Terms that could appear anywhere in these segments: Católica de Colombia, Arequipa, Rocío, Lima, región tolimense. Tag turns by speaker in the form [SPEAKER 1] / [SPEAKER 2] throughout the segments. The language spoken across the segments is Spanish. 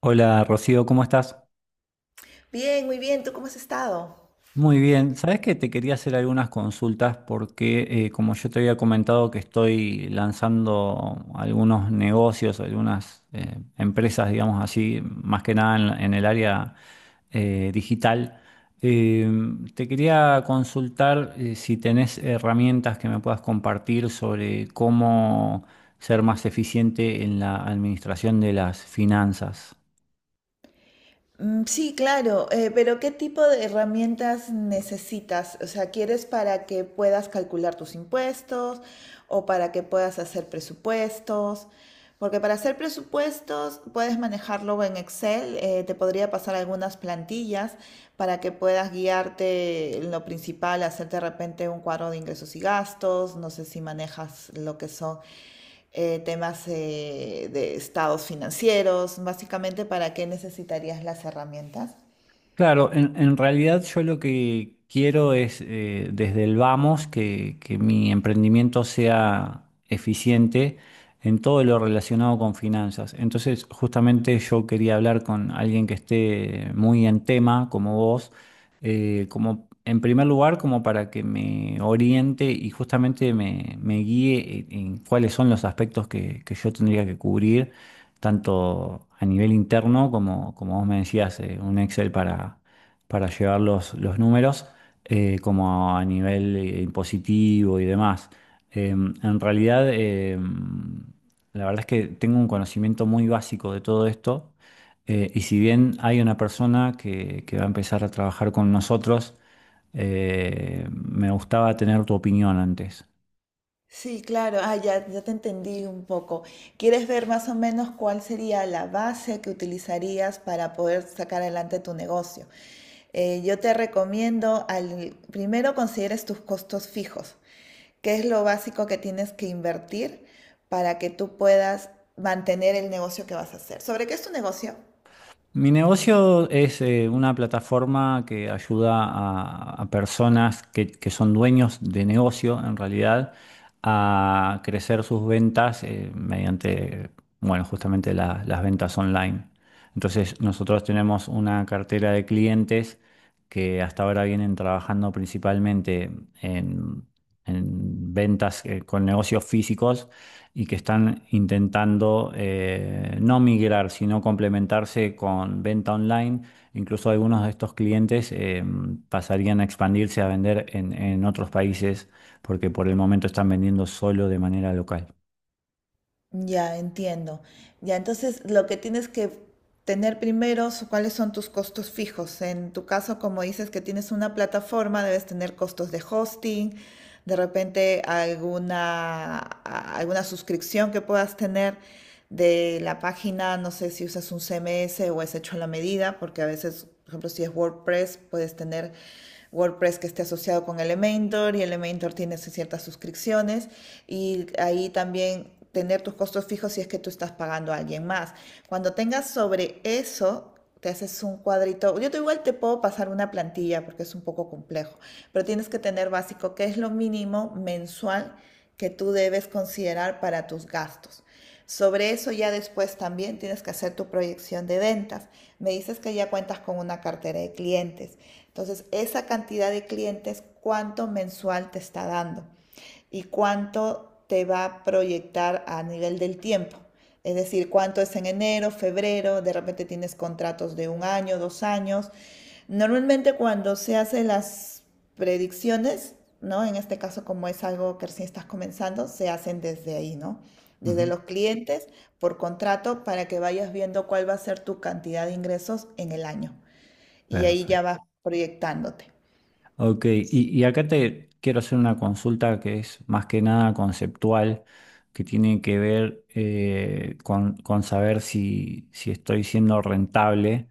[SPEAKER 1] Hola Rocío, ¿cómo estás?
[SPEAKER 2] Bien, muy bien. ¿Tú cómo has estado?
[SPEAKER 1] Muy bien. Sabes que te quería hacer algunas consultas porque, como yo te había comentado, que estoy lanzando algunos negocios, algunas empresas, digamos así, más que nada en el área digital. Eh, Te quería consultar si tenés herramientas que me puedas compartir sobre cómo ser más eficiente en la administración de las finanzas.
[SPEAKER 2] Sí, claro, pero ¿qué tipo de herramientas necesitas? O sea, ¿quieres para que puedas calcular tus impuestos o para que puedas hacer presupuestos? Porque para hacer presupuestos puedes manejarlo en Excel, te podría pasar algunas plantillas para que puedas guiarte en lo principal, hacer de repente un cuadro de ingresos y gastos, no sé si manejas lo que son temas de estados financieros, básicamente para qué necesitarías las herramientas.
[SPEAKER 1] Claro, en realidad yo lo que quiero es desde el vamos que mi emprendimiento sea eficiente en todo lo relacionado con finanzas. Entonces, justamente yo quería hablar con alguien que esté muy en tema, como vos, como en primer lugar, como para que me oriente y justamente me guíe en cuáles son los aspectos que yo tendría que cubrir tanto a nivel interno como vos me decías, un Excel para llevar los números, como a nivel impositivo y demás. En realidad, la verdad es que tengo un conocimiento muy básico de todo esto. Y si bien hay una persona que va a empezar a trabajar con nosotros, me gustaba tener tu opinión antes.
[SPEAKER 2] Sí, claro, ya, ya te entendí un poco. ¿Quieres ver más o menos cuál sería la base que utilizarías para poder sacar adelante tu negocio? Yo te recomiendo, al, primero consideres tus costos fijos, qué es lo básico que tienes que invertir para que tú puedas mantener el negocio que vas a hacer. ¿Sobre qué es tu negocio?
[SPEAKER 1] Mi negocio es una plataforma que ayuda a personas que son dueños de negocio, en realidad, a crecer sus ventas mediante, bueno, justamente las ventas online. Entonces, nosotros tenemos una cartera de clientes que hasta ahora vienen trabajando principalmente en, en ventas con negocios físicos y que están intentando no migrar, sino complementarse con venta online. Incluso algunos de estos clientes pasarían a expandirse a vender en otros países porque por el momento están vendiendo solo de manera local.
[SPEAKER 2] Ya, entiendo. Ya, entonces lo que tienes que tener primero es cuáles son tus costos fijos. En tu caso, como dices que tienes una plataforma, debes tener costos de hosting, de repente alguna, alguna suscripción que puedas tener de la página, no sé si usas un CMS o es hecho a la medida, porque a veces, por ejemplo, si es WordPress, puedes tener WordPress que esté asociado con Elementor y Elementor tiene sus ciertas suscripciones y ahí también tener tus costos fijos si es que tú estás pagando a alguien más. Cuando tengas sobre eso, te haces un cuadrito. Yo te igual te puedo pasar una plantilla porque es un poco complejo, pero tienes que tener básico qué es lo mínimo mensual que tú debes considerar para tus gastos. Sobre eso ya después también tienes que hacer tu proyección de ventas. Me dices que ya cuentas con una cartera de clientes. Entonces, esa cantidad de clientes, ¿cuánto mensual te está dando? Y cuánto te va a proyectar a nivel del tiempo. Es decir, cuánto es en enero, febrero, de repente tienes contratos de un año, 2 años. Normalmente cuando se hacen las predicciones, ¿no? En este caso, como es algo que recién estás comenzando, se hacen desde ahí, ¿no? Desde
[SPEAKER 1] Ujú.
[SPEAKER 2] los clientes por contrato para que vayas viendo cuál va a ser tu cantidad de ingresos en el año. Y ahí ya
[SPEAKER 1] Perfecto.
[SPEAKER 2] vas proyectándote.
[SPEAKER 1] Ok, y acá te quiero hacer una consulta que es más que nada conceptual, que tiene que ver con saber si estoy siendo rentable.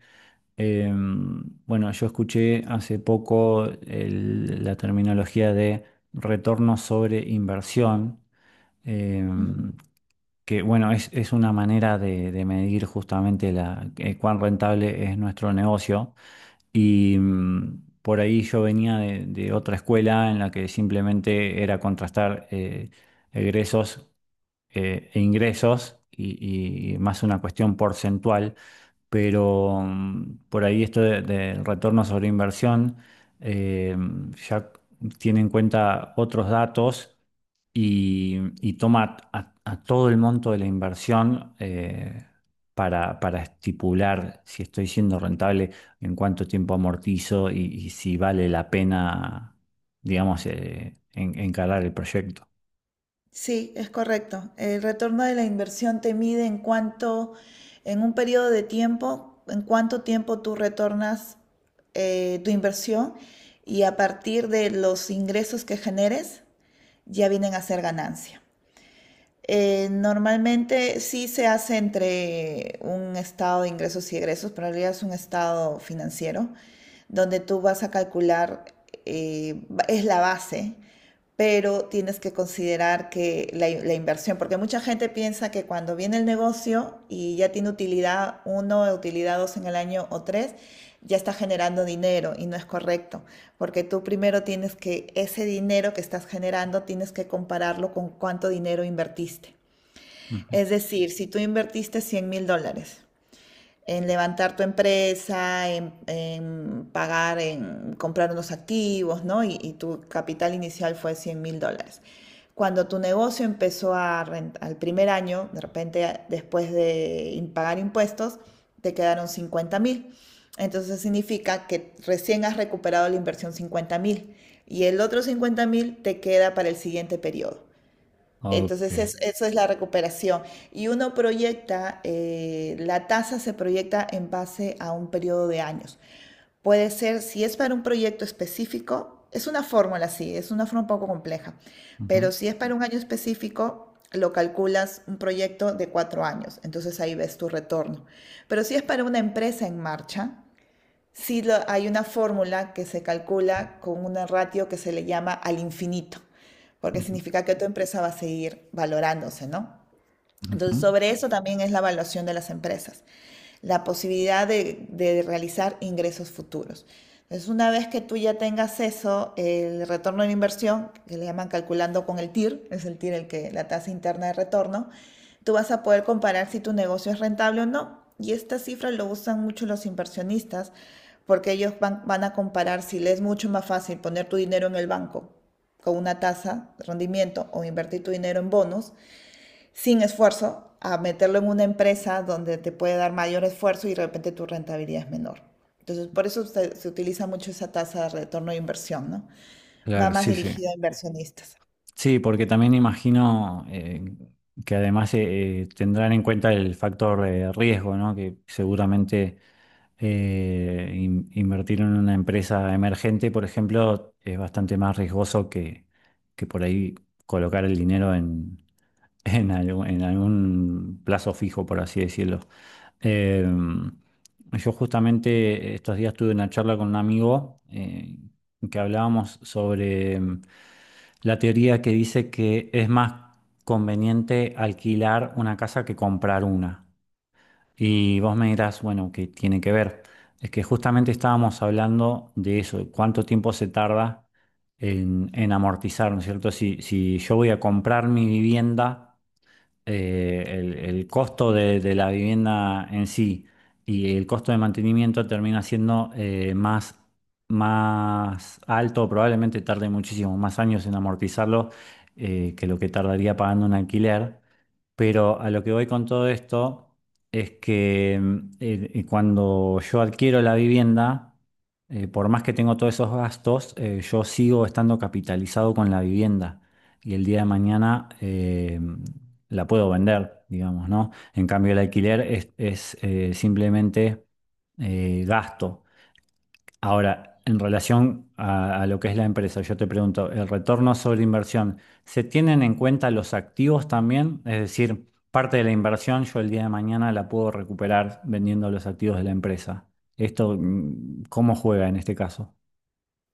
[SPEAKER 1] Bueno, yo escuché hace poco la terminología de retorno sobre inversión,
[SPEAKER 2] Ujú.
[SPEAKER 1] em, que bueno, es una manera de medir justamente cuán rentable es nuestro negocio. Y por ahí yo venía de otra escuela en la que simplemente era contrastar egresos e ingresos y más una cuestión porcentual, pero por ahí esto del retorno sobre inversión eh, ya tiene en cuenta otros datos y, y toma a todo el monto de la inversión para estipular si estoy siendo rentable, en cuánto tiempo amortizo y si vale la pena, digamos, encarar el proyecto.
[SPEAKER 2] Sí, es correcto. El retorno de la inversión te mide en cuánto, en un periodo de tiempo, en cuánto tiempo tú retornas tu inversión, y a partir de los ingresos que generes ya vienen a ser ganancia. Normalmente sí se hace entre un estado de ingresos y egresos, pero en realidad es un estado financiero donde tú vas a calcular, eh, es la base, pero tienes que considerar que la inversión, porque mucha gente piensa que cuando viene el negocio y ya tiene utilidad uno, utilidad dos en el año o tres, ya está generando dinero, y no es correcto, porque tú primero tienes que, ese dinero que estás generando, tienes que compararlo con cuánto dinero invertiste.
[SPEAKER 1] Ujú.
[SPEAKER 2] Es decir, si tú invertiste $100,000 en levantar tu empresa, en pagar, en comprar unos activos, ¿no? Y tu capital inicial fue $100,000. Cuando tu negocio empezó a al primer año, de repente después de pagar impuestos, te quedaron 50,000. Entonces significa que recién has recuperado la inversión 50,000, y el otro 50,000 te queda para el siguiente periodo.
[SPEAKER 1] Ok.
[SPEAKER 2] Entonces, eso es la recuperación. Y uno proyecta, la tasa se proyecta en base a un periodo de años. Puede ser, si es para un proyecto específico, es una fórmula así, es una fórmula un poco compleja, pero
[SPEAKER 1] Ujú.
[SPEAKER 2] si es para un año específico, lo calculas un proyecto de 4 años, entonces ahí ves tu retorno. Pero si es para una empresa en marcha, sí, hay una fórmula que se calcula con una ratio que se le llama al infinito, porque
[SPEAKER 1] Ujú,
[SPEAKER 2] significa que tu empresa va a seguir valorándose, ¿no?
[SPEAKER 1] ujú.
[SPEAKER 2] Entonces, sobre eso también es la evaluación de las empresas, la posibilidad de realizar ingresos futuros. Entonces, una vez que tú ya tengas eso, el retorno de inversión, que le llaman calculando con el TIR, es el TIR el que, la tasa interna de retorno, tú vas a poder comparar si tu negocio es rentable o no. Y esta cifra lo usan mucho los inversionistas porque ellos van a comparar si les es mucho más fácil poner tu dinero en el banco con una tasa de rendimiento o invertir tu dinero en bonos sin esfuerzo a meterlo en una empresa donde te puede dar mayor esfuerzo y de repente tu rentabilidad es menor. Entonces, por eso se utiliza mucho esa tasa de retorno de inversión, ¿no? Va
[SPEAKER 1] Claro,
[SPEAKER 2] más
[SPEAKER 1] sí, sí.
[SPEAKER 2] dirigida a inversionistas.
[SPEAKER 1] Sí, porque también imagino que además tendrán en cuenta el factor de riesgo, ¿no? Que seguramente invertir en una empresa emergente, por ejemplo, es bastante más riesgoso que por ahí colocar el dinero en algún plazo fijo, por así decirlo. Eh, yo justamente estos días tuve una charla con un amigo que hablábamos sobre la teoría que dice que es más conveniente alquilar una casa que comprar una. Y vos me dirás, bueno, ¿qué tiene que ver? Es que justamente estábamos hablando de eso, cuánto tiempo se tarda en amortizar, ¿no es cierto? Si yo voy a comprar mi vivienda, el costo de la vivienda en sí y el costo de mantenimiento termina siendo más alto, probablemente tarde muchísimo más años en amortizarlo que lo que tardaría pagando un alquiler. Pero a lo que voy con todo esto es que, cuando yo adquiero la vivienda, por más que tengo todos esos gastos, yo sigo estando capitalizado con la vivienda y el día de mañana la puedo vender, digamos, ¿no? En cambio, el alquiler es simplemente gasto. Ahora, en relación a lo que es la empresa, yo te pregunto, ¿el retorno sobre inversión se tienen en cuenta los activos también? Es decir, parte de la inversión yo el día de mañana la puedo recuperar vendiendo los activos de la empresa. ¿Esto, cómo juega en este caso?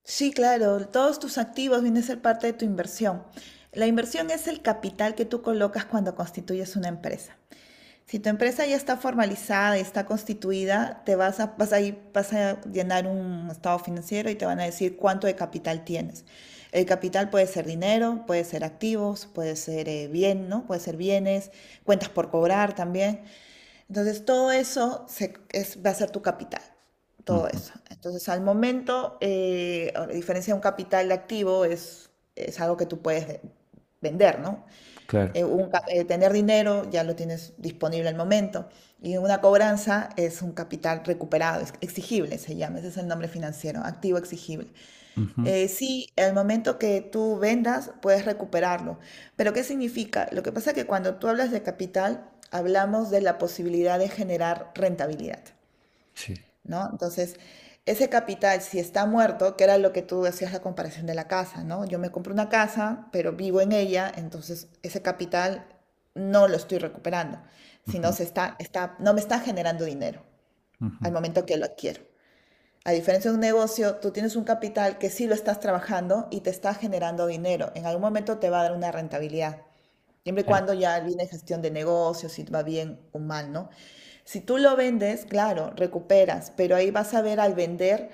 [SPEAKER 2] Sí, claro, todos tus activos vienen a ser parte de tu inversión. La inversión es el capital que tú colocas cuando constituyes una empresa. Si tu empresa ya está formalizada y está constituida, te vas a, vas a llenar un estado financiero y te van a decir cuánto de capital tienes. El capital puede ser dinero, puede ser activos, puede ser bien, ¿no? Puede ser bienes, cuentas por cobrar también. Entonces, todo eso va a ser tu capital, todo
[SPEAKER 1] Ujú,
[SPEAKER 2] eso. Entonces, al momento, a diferencia de un capital de activo, es algo que tú puedes vender, ¿no?
[SPEAKER 1] claro.
[SPEAKER 2] Tener dinero ya lo tienes disponible al momento. Y una cobranza es un capital recuperado, es exigible se llama, ese es el nombre financiero, activo exigible.
[SPEAKER 1] Ujú,
[SPEAKER 2] Sí, al momento que tú vendas puedes recuperarlo. Pero ¿qué significa? Lo que pasa es que cuando tú hablas de capital, hablamos de la posibilidad de generar rentabilidad.
[SPEAKER 1] sí.
[SPEAKER 2] ¿No? Entonces, ese capital, si está muerto, que era lo que tú hacías la comparación de la casa, ¿no? Yo me compro una casa, pero vivo en ella, entonces ese capital no lo estoy recuperando, sino
[SPEAKER 1] Ujú,
[SPEAKER 2] está, no me está generando dinero
[SPEAKER 1] ujú,
[SPEAKER 2] al momento que lo adquiero. A diferencia de un negocio, tú tienes un capital que sí lo estás trabajando y te está generando dinero. En algún momento te va a dar una rentabilidad. Siempre y
[SPEAKER 1] eh,
[SPEAKER 2] cuando ya viene gestión de negocios, si va bien o mal, ¿no? Si tú lo vendes, claro, recuperas, pero ahí vas a ver al vender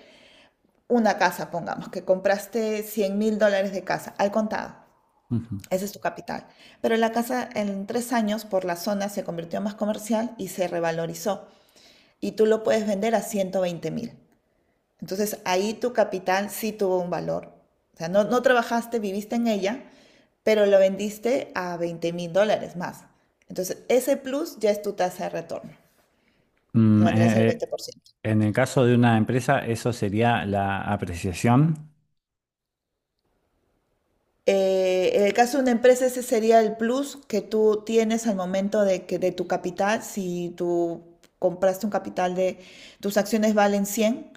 [SPEAKER 2] una casa, pongamos, que compraste $100,000 de casa, al contado,
[SPEAKER 1] ujú.
[SPEAKER 2] ese es tu capital. Pero la casa en 3 años por la zona se convirtió más comercial y se revalorizó. Y tú lo puedes vender a 120,000. Entonces ahí tu capital sí tuvo un valor. O sea, no, no trabajaste, viviste en ella, pero lo vendiste a $20,000 más. Entonces ese plus ya es tu tasa de retorno, que
[SPEAKER 1] Mm,
[SPEAKER 2] vendrá a ser el
[SPEAKER 1] eh, eh,
[SPEAKER 2] 20%.
[SPEAKER 1] en el caso de una empresa, eso sería la apreciación.
[SPEAKER 2] En el caso de una empresa, ese sería el plus que tú tienes al momento de que de tu capital. Si tú compraste un capital de tus acciones valen cien,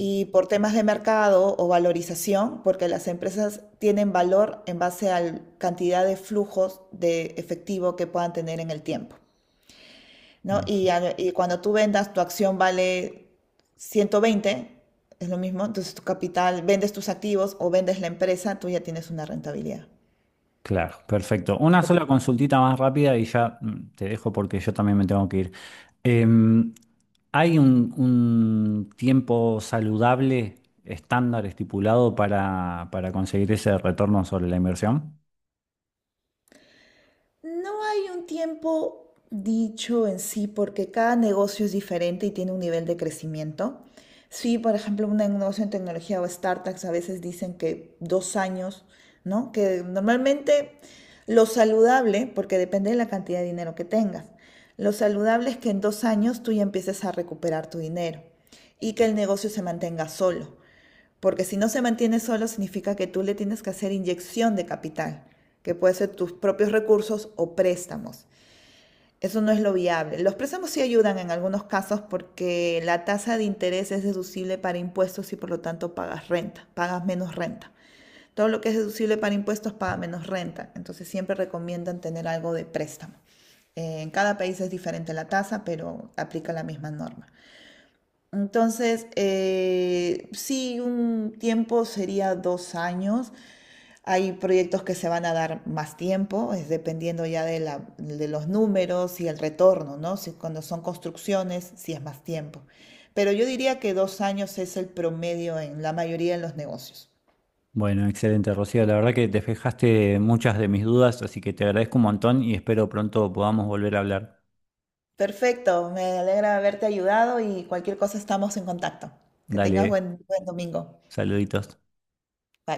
[SPEAKER 2] y por temas de mercado o valorización, porque las empresas tienen valor en base a la cantidad de flujos de efectivo que puedan tener en el tiempo, ¿no?
[SPEAKER 1] Ujú.
[SPEAKER 2] Y cuando tú vendas, tu acción vale 120, es lo mismo, entonces tu capital, vendes tus activos o vendes la empresa, tú ya tienes una rentabilidad.
[SPEAKER 1] Claro, perfecto. Una sola consultita más rápida y ya, te dejo porque yo también me tengo que ir. Em, ¿Hay un tiempo saludable estándar estipulado para conseguir ese retorno sobre la inversión?
[SPEAKER 2] No hay un tiempo dicho en sí porque cada negocio es diferente y tiene un nivel de crecimiento. Sí, por ejemplo, un negocio en tecnología o startups a veces dicen que 2 años, ¿no? Que normalmente lo saludable, porque depende de la cantidad de dinero que tengas, lo saludable es que en 2 años tú ya empieces a recuperar tu dinero y que el negocio se mantenga solo. Porque si no se mantiene solo, significa que tú le tienes que hacer inyección de capital, que puede ser tus propios recursos o préstamos. Eso no es lo viable. Los préstamos sí ayudan en algunos casos porque la tasa de interés es deducible para impuestos y por lo tanto pagas renta, pagas menos renta. Todo lo que es deducible para impuestos paga menos renta. Entonces siempre recomiendan tener algo de préstamo. En cada país es diferente la tasa, pero aplica la misma norma. Entonces, sí, un tiempo sería 2 años. Hay proyectos que se van a dar más tiempo, es dependiendo ya de de los números y el retorno, ¿no? Si cuando son construcciones, sí es más tiempo. Pero yo diría que 2 años es el promedio en la mayoría de los negocios.
[SPEAKER 1] Bueno, excelente, Rocío. La verdad que despejaste muchas de mis dudas, así que te agradezco un montón y espero pronto podamos volver a hablar.
[SPEAKER 2] Perfecto, me alegra haberte ayudado y cualquier cosa estamos en contacto. Que tengas
[SPEAKER 1] Dale,
[SPEAKER 2] buen domingo.
[SPEAKER 1] saluditos.
[SPEAKER 2] Bye.